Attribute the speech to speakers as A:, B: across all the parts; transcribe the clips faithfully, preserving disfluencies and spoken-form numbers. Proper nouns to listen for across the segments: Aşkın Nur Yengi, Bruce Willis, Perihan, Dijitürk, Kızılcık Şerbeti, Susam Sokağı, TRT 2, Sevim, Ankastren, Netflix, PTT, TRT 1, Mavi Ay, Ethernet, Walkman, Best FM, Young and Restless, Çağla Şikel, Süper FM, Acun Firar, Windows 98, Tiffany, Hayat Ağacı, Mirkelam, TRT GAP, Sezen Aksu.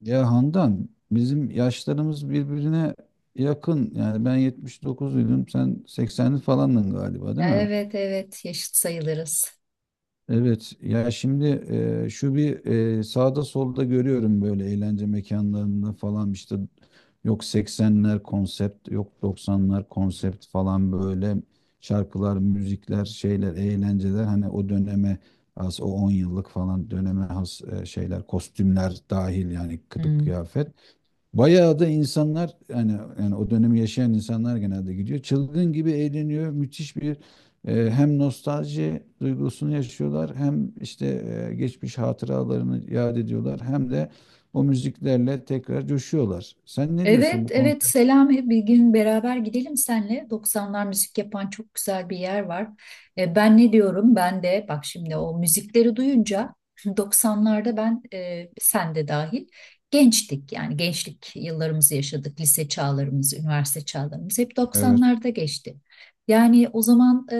A: Ya Handan bizim yaşlarımız birbirine yakın. Yani ben yetmiş dokuzluydum, sen seksenli falandın galiba, değil mi?
B: Evet evet yaşıt sayılırız.
A: Evet, ya şimdi e, şu bir e, sağda solda görüyorum, böyle eğlence mekanlarında falan işte, yok seksenler konsept, yok doksanlar konsept falan, böyle şarkılar, müzikler, şeyler, eğlenceler, hani o döneme has, o on yıllık falan döneme has e, şeyler, kostümler dahil yani, kılık
B: Hmm.
A: kıyafet. Bayağı da insanlar yani, yani o dönemi yaşayan insanlar genelde gidiyor. Çılgın gibi eğleniyor. Müthiş bir e, hem nostalji duygusunu yaşıyorlar, hem işte e, geçmiş hatıralarını yad ediyorlar, hem de o müziklerle tekrar coşuyorlar. Sen ne diyorsun
B: Evet
A: bu
B: evet
A: konser?
B: Selami bir gün beraber gidelim senle. doksanlar müzik yapan çok güzel bir yer var. E, ben ne diyorum? Ben de bak şimdi o müzikleri duyunca doksanlarda ben e, sen de dahil gençtik. Yani gençlik yıllarımızı yaşadık. Lise çağlarımız, üniversite çağlarımız hep
A: Evet.
B: doksanlarda geçti. Yani o zaman e,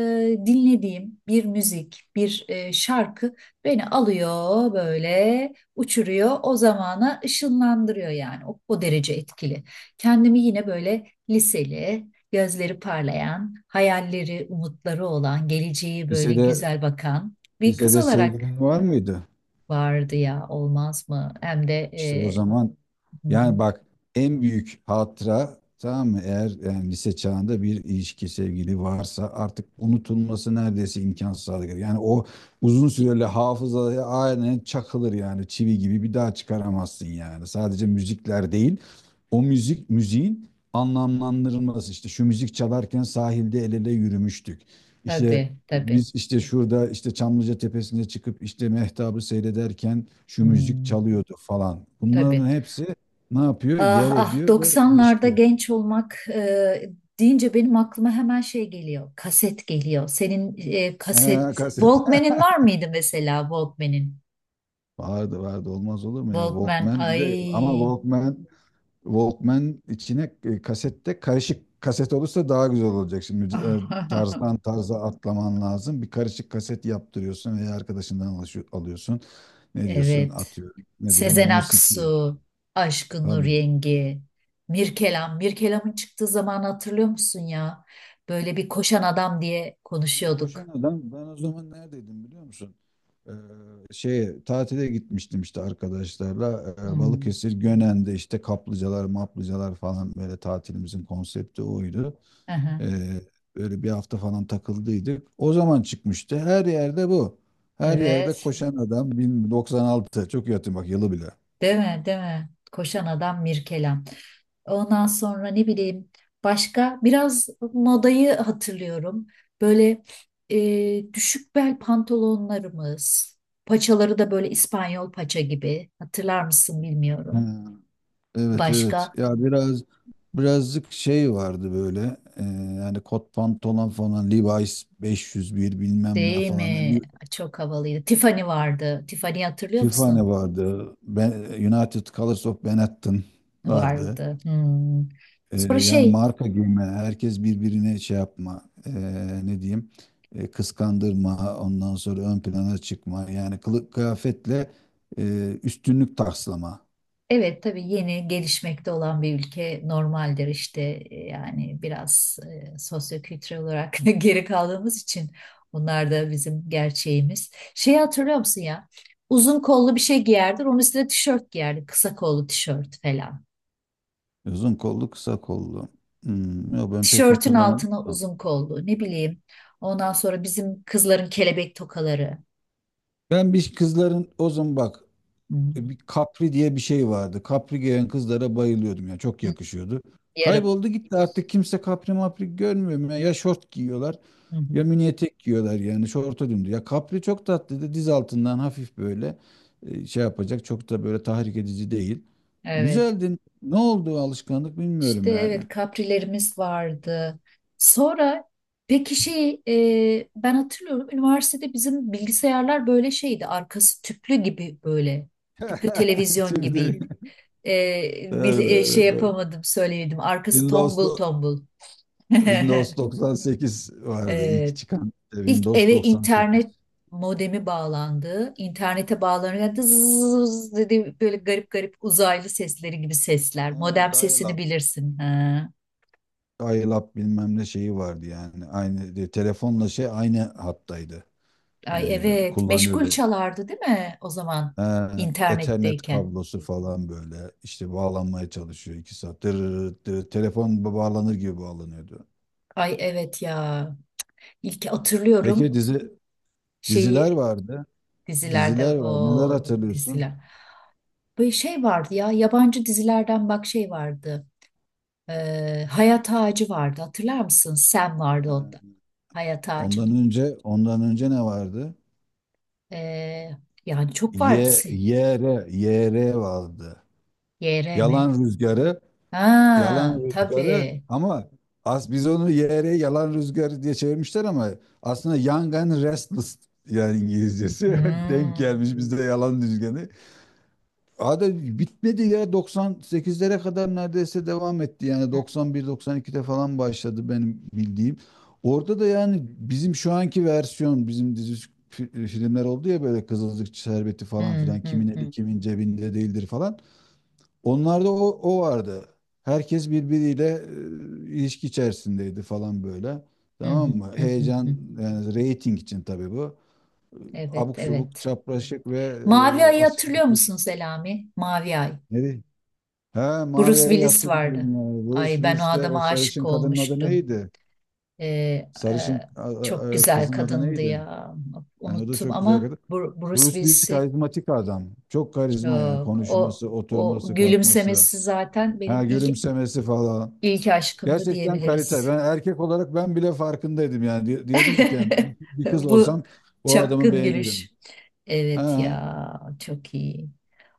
B: dinlediğim bir müzik, bir e, şarkı beni alıyor böyle uçuruyor. O zamana ışınlandırıyor yani. O, o derece etkili. Kendimi yine böyle liseli, gözleri parlayan, hayalleri, umutları olan, geleceği böyle
A: Lisede
B: güzel bakan bir kız
A: lisede
B: olarak
A: sevgilin var mıydı?
B: vardı ya olmaz mı? Hem de
A: İşte o
B: e,
A: zaman,
B: hı
A: yani
B: hı,
A: bak, en büyük hatıra, tamam mı? Eğer yani lise çağında bir ilişki, sevgili varsa, artık unutulması neredeyse imkansız hale gelir. Yani o uzun süreli hafızaya aynen çakılır, yani çivi gibi, bir daha çıkaramazsın yani. Sadece müzikler değil, o müzik, müziğin anlamlandırılması, işte şu müzik çalarken sahilde el ele yürümüştük. İşte
B: tabii tabii.
A: biz işte şurada işte Çamlıca Tepesi'ne çıkıp işte mehtabı seyrederken şu müzik
B: Hmm,
A: çalıyordu falan. Bunların
B: tabii.
A: hepsi ne yapıyor?
B: Ah
A: Yer
B: ah
A: ediyor ve
B: doksanlarda
A: ilişki.
B: genç olmak e, deyince benim aklıma hemen şey geliyor. Kaset geliyor. Senin e, kaset
A: Ee, kaset.
B: Walkman'in var mıydı mesela Walkman'in?
A: Vardı vardı, olmaz olur mu ya,
B: Walkman
A: Walkman. Bir
B: ay.
A: de ama Walkman Walkman içine e, kasette, karışık kaset olursa daha güzel olacak şimdi, e, tarzdan tarza atlaman lazım, bir karışık kaset yaptırıyorsun veya arkadaşından alışıyor- alıyorsun, ne diyorsun
B: Evet.
A: atıyor, ne diyor,
B: Sezen
A: musiki,
B: Aksu, Aşkın Nur
A: tabii.
B: Yengi, Mirkelam. Mirkelam'ın çıktığı zaman hatırlıyor musun ya? Böyle bir koşan adam diye
A: Ben
B: konuşuyorduk.
A: Koşan Adam, ben o zaman neredeydim biliyor musun? Ee, şeye tatile gitmiştim işte arkadaşlarla. Ee,
B: Hmm.
A: Balıkesir Gönen'de, işte kaplıcalar maplıcalar falan, böyle tatilimizin konsepti oydu.
B: Aha.
A: Ee, böyle bir hafta falan takıldıydık. O zaman çıkmıştı, her yerde bu. Her yerde
B: Evet.
A: Koşan Adam, bin doksan altı, çok iyi hatırlıyorum bak, yılı bile.
B: Değil mi? Değil mi? Koşan adam Mirkelam. Ondan sonra ne bileyim başka biraz modayı hatırlıyorum. Böyle e, düşük bel pantolonlarımız, paçaları da böyle İspanyol paça gibi. Hatırlar mısın bilmiyorum.
A: Ha. Evet evet.
B: Başka
A: Ya biraz, birazcık şey vardı böyle. e, Yani kot pantolon falan, Levi's beş yüz bir bilmem ne
B: değil
A: falan.
B: mi?
A: Bir
B: Çok havalıydı. Tiffany vardı. Tiffany hatırlıyor
A: FIFA ne
B: musun?
A: vardı? Ben, United Colors of Benetton vardı.
B: Vardı. Hmm.
A: E,
B: Sonra
A: yani
B: şey
A: marka giyme, herkes birbirine şey yapma, e, ne diyeyim, e, kıskandırma, ondan sonra ön plana çıkma. Yani kılık kıyafetle e, üstünlük taslama.
B: evet tabii yeni gelişmekte olan bir ülke normaldir işte e, yani biraz e, sosyokültürel olarak geri kaldığımız için bunlar da bizim gerçeğimiz. Şeyi hatırlıyor musun ya? Uzun kollu bir şey giyerdir, onun üstüne tişört giyerdi, kısa kollu tişört falan.
A: Uzun kollu, kısa kollu. Hmm, yok ben pek
B: Tişörtün
A: hatırlamadım.
B: altına uzun kollu, ne bileyim. Ondan sonra bizim kızların kelebek tokaları.
A: Ben bir, kızların o zaman bak
B: Hı,
A: e, bir Capri diye bir şey vardı. Capri giyen kızlara bayılıyordum ya. Çok
B: hı,
A: yakışıyordu.
B: yarım.
A: Kayboldu gitti, artık kimse Capri mapri görmüyorum ya. Ya şort giyiyorlar,
B: Hı hı.
A: ya mini etek giyiyorlar, yani şorta döndü. Ya Capri çok tatlıydı. Diz altından hafif böyle e, şey yapacak, çok da böyle tahrik edici değil.
B: Evet.
A: Güzeldi. Ne oldu o alışkanlık
B: İşte
A: bilmiyorum yani.
B: evet kaprilerimiz vardı. Sonra peki şey e, ben hatırlıyorum üniversitede bizim bilgisayarlar böyle şeydi arkası tüplü gibi böyle tüplü televizyon
A: Tüyleri.
B: gibiydi. E, bil-
A: Doğru
B: e, şey
A: doğru doğru.
B: yapamadım söyleyemedim arkası
A: Senin dost-
B: tombul tombul.
A: Windows doksan sekiz vardı,
B: e,
A: ilk çıkan, işte
B: ilk
A: Windows
B: eve
A: doksan sekiz.
B: internet modemi bağlandı. İnternete bağlanınca zzzz dedi böyle garip garip uzaylı sesleri gibi sesler.
A: He,
B: Modem sesini
A: dial-up.
B: bilirsin. Ha.
A: Dial-up bilmem ne şeyi vardı yani. Aynı de- telefonla şey, aynı hattaydı.
B: Ay
A: Ee,
B: evet, meşgul
A: kullanıyordu.
B: çalardı değil mi o zaman
A: Ha, Ethernet
B: internetteyken?
A: kablosu falan, böyle işte bağlanmaya çalışıyor iki saat. Dırırır, dırır. Telefon ba- bağlanır gibi bağlanıyordu.
B: Ay evet ya. İlk
A: Peki
B: hatırlıyorum
A: dizi
B: şeyi
A: diziler vardı.
B: dizilerde
A: Diziler var. Neler
B: o
A: hatırlıyorsun?
B: diziler. Böyle şey vardı ya yabancı dizilerden bak şey vardı. Ee, Hayat Ağacı vardı hatırlar mısın? Sam vardı o da.
A: He,
B: Hayat
A: Ondan
B: Ağacı'nın.
A: önce ondan önce ne vardı?
B: Ee, Yani çok vardı. se-
A: Y YR Y R vardı.
B: Y R M.
A: Yalan Rüzgarı, Yalan
B: Ha
A: Rüzgarı
B: tabii.
A: ama az, biz onu yere Yalan Rüzgarı diye çevirmişler ama aslında Young and Restless, yani İngilizcesi denk
B: Hmm.
A: gelmiş bizde Yalan Rüzgarı. Abi bitmedi ya, doksan sekizlere kadar neredeyse devam etti yani, doksan bir doksan iki'de falan başladı benim bildiğim. Orada da yani bizim şu anki versiyon, bizim dizi fi- filmler oldu ya, böyle Kızılcık Şerbeti falan
B: Hmm,
A: filan,
B: hmm,
A: kimin eli
B: hmm,
A: kimin cebinde değildir falan. Onlarda o, o vardı. Herkes birbiriyle e, ilişki içerisindeydi falan böyle.
B: hmm, hmm,
A: Tamam mı?
B: hmm, hmm,
A: Heyecan,
B: hmm.
A: yani reyting için tabii bu.
B: Evet,
A: Abuk subuk,
B: evet.
A: çapraşık ve
B: Mavi
A: e,
B: Ay'ı hatırlıyor
A: asimetrik.
B: musun Selami? Mavi Ay.
A: Neydi? He,
B: Bruce
A: Mavi'ye
B: Willis vardı.
A: hatırlıyorum ya. Bruce
B: Ay ben o
A: Willis'le, o
B: adama aşık
A: sarışın kadının adı
B: olmuştum.
A: neydi?
B: Ee, e,
A: Sarışın, a-
B: Çok
A: a- a-
B: güzel
A: kızın adı
B: kadındı
A: neydi?
B: ya.
A: Yani o da
B: Unuttum
A: çok güzel
B: ama
A: kadın.
B: Bru- Bruce
A: Bruce Willis
B: Willis'i
A: karizmatik adam. Çok karizma yani,
B: çok. O,
A: konuşması,
B: o
A: oturması, kalkması,
B: gülümsemesi zaten
A: ha,
B: benim ilk
A: gülümsemesi falan.
B: ilk aşkımdı
A: Gerçekten kalite.
B: diyebiliriz.
A: Ben erkek olarak ben bile farkındaydım yani. Di- Diyordum ki yani, bir, bir kız
B: Bu
A: olsam o adamı
B: çapkın
A: beğenirim.
B: gülüş. Evet
A: Ha,
B: ya çok iyi.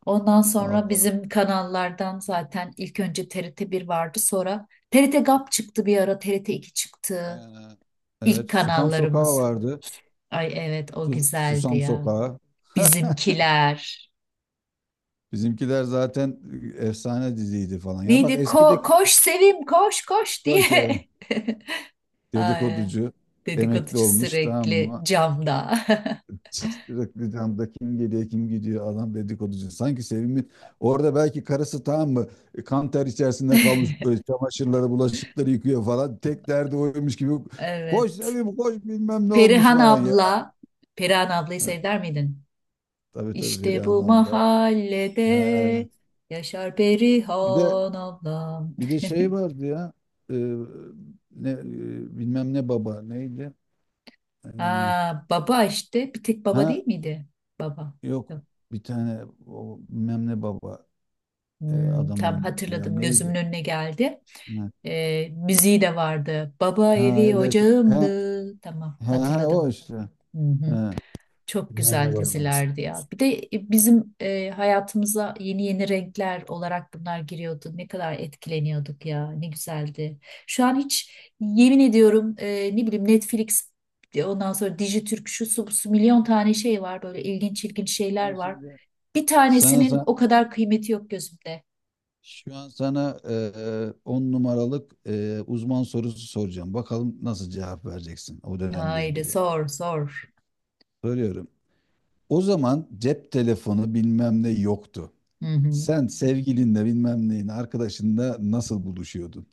B: Ondan sonra
A: vallahi.
B: bizim kanallardan zaten ilk önce T R T bir vardı sonra TRT GAP çıktı bir ara T R T iki çıktı.
A: Ha.
B: İlk
A: Evet, Susam Sokağı
B: kanallarımız.
A: vardı.
B: Ay evet o
A: Sus-
B: güzeldi
A: Susam
B: ya.
A: Sokağı.
B: Bizimkiler.
A: Bizimkiler zaten e, efsane diziydi falan. Ya bak
B: Neydi? Ko-
A: eskideki,
B: koş Sevim koş koş
A: böyle şey,
B: diye. Ay,
A: dedikoducu emekli
B: dedikoducu
A: olmuş, tamam
B: sürekli
A: mı?
B: camda.
A: Sürekli camda, kim geliyor kim gidiyor, adam dedikoducu. Sanki Sevim'in orada belki karısı, tamam mı, e, kan ter içerisinde kalmış, e, çamaşırları bulaşıkları yıkıyor falan. Tek derdi oymuş gibi, koş
B: Evet.
A: Sevim koş, bilmem ne olmuş
B: Perihan
A: falan ya.
B: abla, Perihan ablayı
A: He,
B: sever miydin?
A: tabii tabii,
B: İşte
A: Perihan
B: bu
A: abla. He.
B: mahallede yaşar
A: Bir de,
B: Perihan ablam.
A: bir de şey vardı ya, e, ne, e, bilmem ne baba neydi? E,
B: Ha, baba işte bir tek
A: ha
B: baba değil miydi? Baba.
A: yok,
B: Yok.
A: bir tane o, bilmem ne baba, e,
B: Hmm,
A: adam
B: tam
A: oynuyordu ya,
B: hatırladım gözümün
A: neydi?
B: önüne geldi. Ee, müziği de vardı. Baba
A: Ha
B: evi
A: evet. Ha,
B: ocağımdı. Tamam
A: ha, ha, o
B: hatırladım.
A: işte.
B: Hı hı.
A: Ha.
B: Çok
A: Bilmem ne
B: güzel
A: babamız.
B: dizilerdi ya. Bir de e, bizim e, hayatımıza yeni yeni renkler olarak bunlar giriyordu. Ne kadar etkileniyorduk ya. Ne güzeldi. Şu an hiç yemin ediyorum e, ne bileyim Netflix, e, ondan sonra Dijitürk şu su, bu su milyon tane şey var. Böyle ilginç ilginç şeyler
A: Sana
B: var.
A: şimdi
B: Bir
A: sana,
B: tanesinin
A: sa-
B: o kadar kıymeti yok gözümde.
A: şu an sana e, on numaralık e, uzman sorusu soracağım. Bakalım nasıl cevap vereceksin o dönemle
B: Haydi
A: ilgili.
B: sor sor.
A: Soruyorum. O zaman cep telefonu bilmem ne yoktu.
B: Hı hı.
A: Sen sevgilinle bilmem neyin, arkadaşınla nasıl buluşuyordun?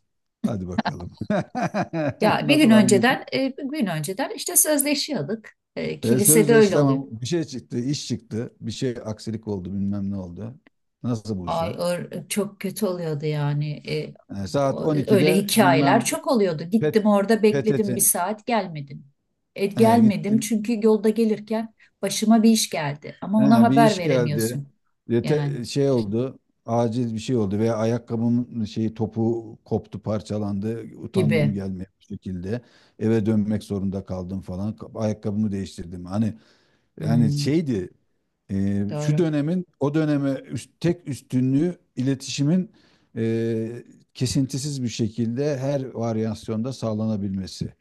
A: Hadi bakalım.
B: Ya bir gün
A: Nasıl
B: önceden e, bir gün önceden işte sözleşiyorduk. E,
A: E,
B: kilisede
A: sözleş,
B: öyle oluyor.
A: tamam, bir şey çıktı, iş çıktı, bir şey aksilik oldu, bilmem ne oldu. Nasıl
B: Ay
A: buluşuyorsun?
B: or- çok kötü oluyordu yani. E,
A: E, saat
B: o-
A: on ikide
B: öyle
A: bilmem,
B: hikayeler çok oluyordu.
A: pet,
B: Gittim orada bekledim bir
A: P T T,
B: saat gelmedin. E,
A: e,
B: gelmedim
A: gittim,
B: çünkü yolda gelirken başıma bir iş geldi. Ama ona
A: E, bir
B: haber
A: iş geldi.
B: veremiyorsun
A: E,
B: yani
A: te- şey oldu, acil bir şey oldu veya ayakkabımın şeyi topu koptu, parçalandı, utandım
B: gibi.
A: gelmeye, bir şekilde eve dönmek zorunda kaldım falan, ayakkabımı değiştirdim hani. Yani
B: Hmm,
A: şeydi, e, şu
B: doğru.
A: dönemin o döneme üst- tek üstünlüğü, iletişimin e, kesintisiz bir şekilde her varyasyonda sağlanabilmesi.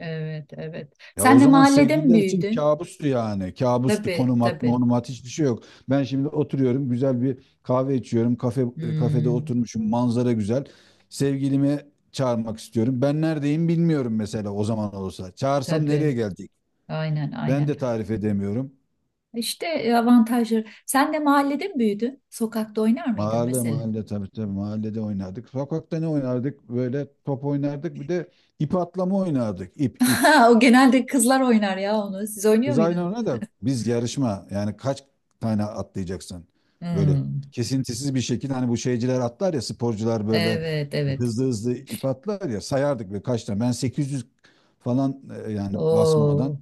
B: Evet, evet.
A: Ya o
B: Sen de
A: zaman
B: mahallede mi
A: sevgililer için
B: büyüdün?
A: kabustu yani. Kabustu.
B: Tabii,
A: Konum at,
B: tabii.
A: monum at, hiçbir şey yok. Ben şimdi oturuyorum, güzel bir kahve içiyorum. Kafe, e, kafede
B: Hmm,
A: oturmuşum, manzara güzel. Sevgilimi çağırmak istiyorum, ben neredeyim bilmiyorum mesela, o zaman olsa. Çağırsam
B: tabii.
A: nereye gelecek?
B: Aynen,
A: Ben
B: aynen.
A: de tarif edemiyorum.
B: İşte e, avantajları. Sen de mahallede mi büyüdün? Sokakta oynar mıydın
A: Mahalle
B: mesela?
A: mahalle, tabii tabii, mahallede oynardık. Sokakta ne oynardık? Böyle top oynardık. Bir de ip atlama oynardık. İp, ip.
B: Ha, o genelde kızlar oynar ya onu. Siz oynuyor
A: Biz aynı
B: muydunuz?
A: ona da biz yarışma, yani kaç tane atlayacaksın, böyle
B: Hmm.
A: kesintisiz bir şekilde, hani bu şeyciler atlar ya sporcular, böyle
B: Evet evet.
A: hızlı hızlı ip atlar ya, sayardık ve kaç tane, ben sekiz yüz falan, e, yani basmadan
B: Oo.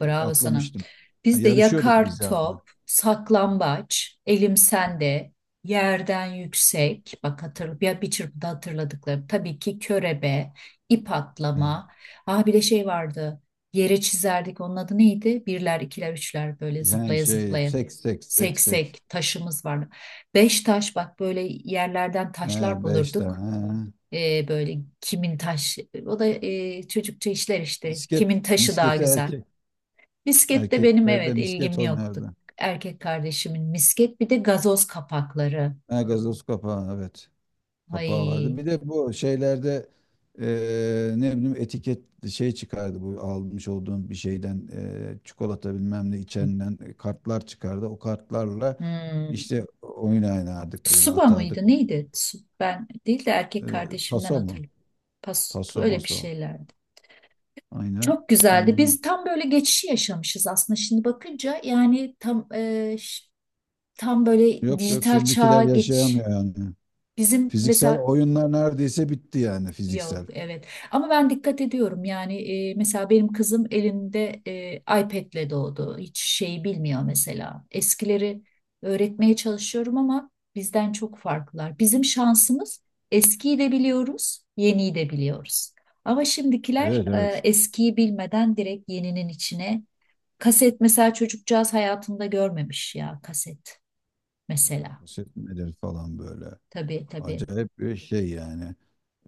B: Bravo sana.
A: atlamıştım.
B: Bizde
A: Yarışıyorduk
B: yakar
A: biz yani.
B: top, saklambaç, elim sende, yerden yüksek. Bak hatır, bir, bir çırpıda hatırladıklarım. Tabii ki körebe, ip
A: E,
B: atlama. Ah bir de şey vardı. Yere çizerdik. Onun adı neydi? Birler, ikiler, üçler böyle
A: Yani
B: zıplaya
A: şey,
B: zıplaya.
A: sek sek, sek sek.
B: Seksek taşımız vardı. Beş taş bak böyle yerlerden
A: He,
B: taşlar
A: beş
B: bulurduk.
A: tane.
B: Ee, böyle kimin taş, o da e, çocukça işler işte.
A: Misket.
B: Kimin taşı daha
A: Misketi
B: güzel.
A: erkek.
B: Misket de benim
A: Erkeklerde
B: evet
A: misket
B: ilgim yoktu.
A: oynardı.
B: Erkek kardeşimin misket bir de gazoz kapakları.
A: Ha, gazoz kapağı, evet. Kapağı vardı.
B: Ay.
A: Bir de bu şeylerde, eee, ne bileyim, etiket, şey çıkardı, bu almış olduğun bir şeyden, eee, çikolata bilmem ne
B: Hı.
A: içenden e, kartlar çıkardı. O kartlarla
B: Hmm.
A: işte oyun oynardık, böyle
B: Tsuba
A: atardık.
B: mıydı
A: O-,
B: neydi? Tsu- Ben değil de erkek
A: eee,
B: kardeşimden
A: taso mu?
B: hatırlıyorum. Pas,
A: Taso
B: öyle bir
A: maso.
B: şeylerdi.
A: Aynen.
B: Çok güzeldi.
A: Onun...
B: Biz tam böyle geçişi yaşamışız aslında şimdi bakınca. Yani tam e, ş- tam böyle
A: Yok yok
B: dijital
A: şimdikiler
B: çağa geç.
A: yaşayamıyor yani.
B: Bizim
A: Fiziksel
B: mesela
A: oyunlar neredeyse bitti yani,
B: yok
A: fiziksel.
B: evet, ama ben dikkat ediyorum yani e, mesela benim kızım elinde e, iPad'le doğdu hiç şeyi bilmiyor mesela eskileri öğretmeye çalışıyorum ama bizden çok farklılar bizim şansımız eskiyi de biliyoruz yeniyi de biliyoruz ama şimdikiler,
A: Evet
B: e,
A: evet.
B: eskiyi bilmeden direkt yeninin içine kaset mesela çocukcağız hayatında görmemiş ya kaset
A: Ha,
B: mesela
A: poşet nedir falan böyle.
B: tabii tabii.
A: Acayip bir şey yani.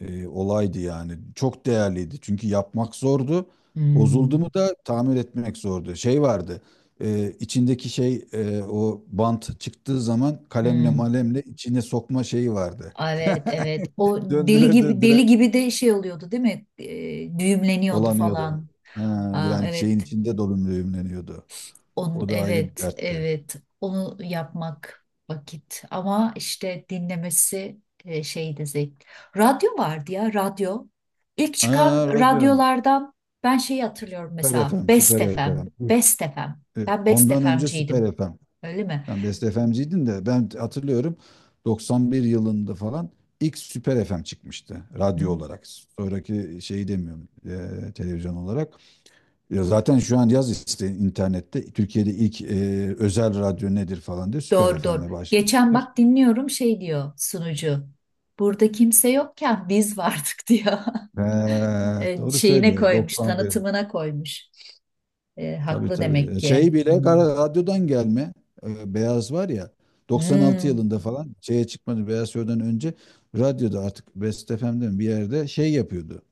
A: e, Olaydı yani. Çok değerliydi. Çünkü yapmak zordu. Bozuldu
B: Hmm,
A: mu da tamir etmek zordu. Şey vardı, e, içindeki şey, e, o bant çıktığı zaman kalemle
B: hmm.
A: malemle içine sokma şeyi vardı.
B: Evet evet o deli
A: Döndüre
B: gibi
A: döndüre
B: deli gibi de şey oluyordu değil mi? Ee, düğümleniyordu
A: dolanıyordu.
B: falan.
A: Ha,
B: Aa,
A: yani şeyin
B: evet
A: içinde dolum düğümleniyordu.
B: onu
A: O da ayrı bir
B: evet
A: dertti.
B: evet onu yapmak vakit ama işte dinlemesi e, şeydi zevk. Radyo vardı ya radyo. İlk çıkan
A: Ha, radyo.
B: radyolardan ben şeyi hatırlıyorum
A: Süper
B: mesela
A: F M,
B: Best
A: Süper
B: F M.
A: F M.
B: Best F M.
A: E,
B: Ben Best
A: ondan önce Süper
B: F M'ciydim.
A: F M.
B: Öyle
A: Sen Best F M'ciydin de ben hatırlıyorum, doksan bir yılında falan ilk Süper F M çıkmıştı radyo
B: mi?
A: olarak. Sonraki şeyi demiyorum, eee, televizyon olarak. Ya zaten şu an yaz işte internette, Türkiye'de ilk eee, özel radyo nedir falan diye, Süper
B: Doğru doğru.
A: F M'le
B: Geçen
A: başlamıştır.
B: bak dinliyorum şey diyor sunucu. Burada kimse yokken biz vardık diyor.
A: Ve
B: E,
A: doğru
B: Şeyine
A: söylüyor,
B: koymuş,
A: doksan bir.
B: tanıtımına koymuş. E,
A: Tabii
B: haklı
A: tabii.
B: demek
A: E,
B: ki.
A: şey bile
B: Hmm.
A: kara- radyodan gelme, eee, beyaz var ya, doksan altı
B: Hmm.
A: yılında falan şeye çıkmadı, Beyaz Show'dan önce radyoda artık Best F M'de mi, bir yerde şey yapıyordu.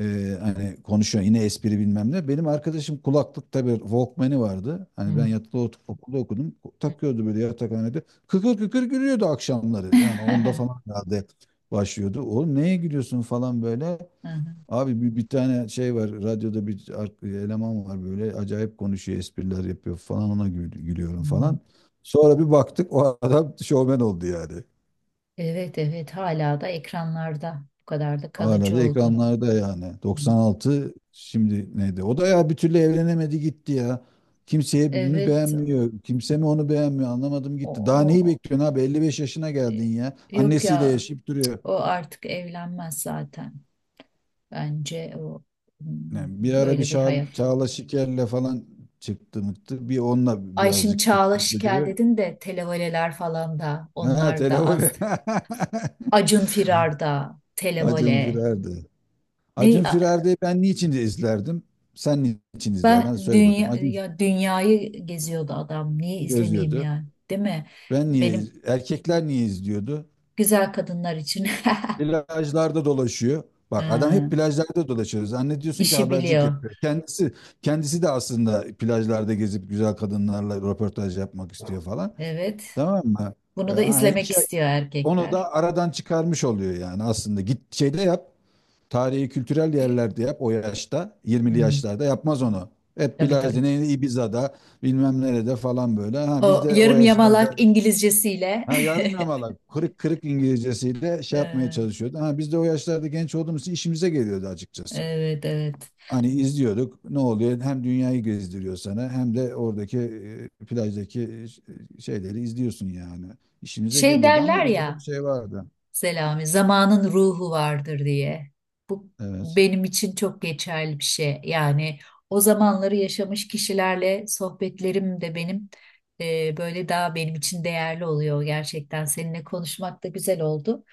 A: Ee, hani konuşuyor yine, espri bilmem ne. Benim arkadaşım kulaklıkta bir Walkman'i vardı. Hani ben
B: Hmm.
A: yatılı ot- okulda okudum. Takıyordu böyle yatakhanede. Kıkır kıkır gülüyordu akşamları. Yani onda falan herhalde başlıyordu. Oğlum neye gülüyorsun falan böyle.
B: Hı hı.
A: Abi, bir, bir tane şey var radyoda, bir ar- eleman var, böyle acayip konuşuyor, espriler yapıyor falan, ona gül- gülüyorum
B: Hmm.
A: falan. Sonra bir baktık o adam şovmen oldu yani.
B: Evet evet hala da ekranlarda bu kadar da
A: Hala
B: kalıcı
A: da
B: oldu.
A: ekranlarda yani.
B: Hmm.
A: doksan altı, şimdi neydi? O da ya, bir türlü evlenemedi gitti ya. Kimseye mi
B: Evet
A: beğenmiyor? Kimse mi onu beğenmiyor? Anlamadım
B: o,
A: gitti. Daha neyi
B: o-
A: bekliyorsun abi? elli beş yaşına
B: e,
A: geldin ya.
B: yok
A: Annesiyle
B: ya,
A: yaşayıp duruyor.
B: o artık evlenmez zaten bence o, hmm,
A: Yani bir ara bir
B: böyle bir hayat.
A: Şa- Çağla Şiker'le falan çıktı mıktı. Bir onunla
B: Ay şimdi
A: birazcık
B: Çağla
A: tutturdu
B: Şikel
A: gibi.
B: dedin de televoleler falan da
A: Ha,
B: onlar da az.
A: televole.
B: Acun Firar'da
A: Acun
B: televole.
A: Firer'di.
B: Ne
A: Acun
B: a-
A: Firer'di, ben niçin izlerdim? Sen niçin izlerdin? Hadi
B: Ben
A: söyle bakayım.
B: dünya,
A: Acun
B: ya dünyayı geziyordu adam. Niye izlemeyeyim
A: gözlüyordu.
B: yani? Değil mi?
A: Ben niye,
B: Benim
A: erkekler niye izliyordu?
B: güzel kadınlar için.
A: Plajlarda dolaşıyor. Bak adam
B: Ha,
A: hep plajlarda dolaşıyor. Zannediyorsun ki
B: işi
A: habercilik
B: biliyor.
A: yapıyor. Kendisi, kendisi de aslında plajlarda gezip güzel kadınlarla röportaj yapmak istiyor falan.
B: Evet.
A: Tamam mı? Ee,
B: Bunu da
A: yani
B: izlemek
A: iki,
B: istiyor
A: onu
B: erkekler.
A: da aradan çıkarmış oluyor yani aslında. Git şeyde yap. Tarihi kültürel yerlerde yap o yaşta. yirmili
B: Hmm,
A: yaşlarda yapmaz onu. Hep
B: tabii
A: plajda,
B: tabii.
A: ne Ibiza'da, bilmem nerede falan böyle. Ha, biz
B: O
A: de o
B: yarım yamalak
A: yaşlarda,
B: İngilizcesiyle.
A: ha, yarım yamalak, kırık kırık İngilizcesiyle şey yapmaya
B: Ee,
A: çalışıyordu. Ha, biz de o yaşlarda genç olduğumuz için işimize geliyordu açıkçası.
B: Evet evet.
A: Hani izliyorduk, ne oluyor, hem dünyayı gezdiriyor sana, hem de oradaki e, plajdaki, e, ş- e, şeyleri izliyorsun yani. İşimize
B: Şey
A: geliyordu
B: derler
A: ama öyle de bir
B: ya.
A: şey vardı.
B: Selami, zamanın ruhu vardır diye. Bu
A: Evet.
B: benim için çok geçerli bir şey. Yani o zamanları yaşamış kişilerle sohbetlerim de benim e, böyle daha benim için değerli oluyor gerçekten. Seninle konuşmak da güzel oldu.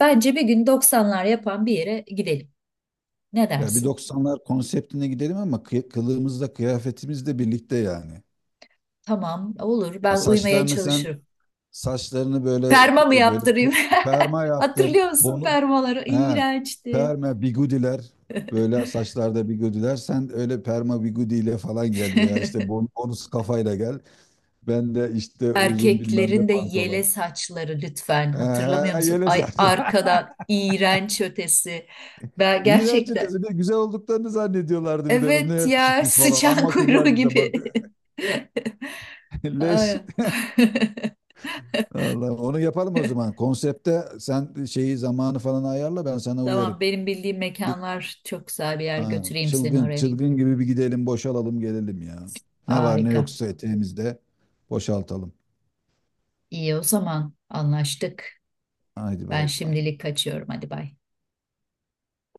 B: Bence bir gün doksanlar yapan bir yere gidelim. Ne
A: Ya bir
B: dersin?
A: doksanlar konseptine gidelim, ama kıy- kılığımızla kıyafetimizle birlikte yani.
B: Tamam, olur. Ben uymaya
A: Saçlarını sen,
B: çalışırım.
A: saçlarını böyle
B: Perma mı
A: böyle
B: yaptırayım?
A: perma yaptır.
B: Hatırlıyor musun
A: Bunu,
B: permaları?
A: he,
B: İğrençti.
A: perma bigudiler, böyle saçlarda bigudiler. Sen öyle perma bigudiyle falan gel, veya işte bon- bonus kafayla gel. Ben de işte uzun bilmem ne
B: Erkeklerin de yele
A: pantolon.
B: saçları lütfen
A: He,
B: hatırlamıyor
A: he,
B: musun?
A: yele
B: Ay
A: saç.
B: arkadan iğrenç ötesi. Ben
A: İğrenç
B: gerçekten
A: ötesi. Bir de güzel olduklarını zannediyorlardı bir de. Ne
B: evet ya,
A: yakışıklıyız falan.
B: sıçan
A: Amma
B: kuyruğu
A: kızlar bize
B: gibi.
A: bakıyor. Leş.
B: Ay.
A: Allah, onu yapalım o zaman. Konsepte sen şeyi, zamanı falan ayarla, ben sana uyarım.
B: Tamam benim bildiğim mekanlar çok güzel bir yer
A: Aynen.
B: götüreyim seni
A: Çılgın,
B: oraya.
A: çılgın gibi bir gidelim, boşalalım, gelelim ya. Ne var ne
B: Harika.
A: yoksa eteğimizde boşaltalım.
B: İyi o zaman anlaştık.
A: Haydi,
B: Ben
A: bay bay.
B: şimdilik kaçıyorum hadi bay.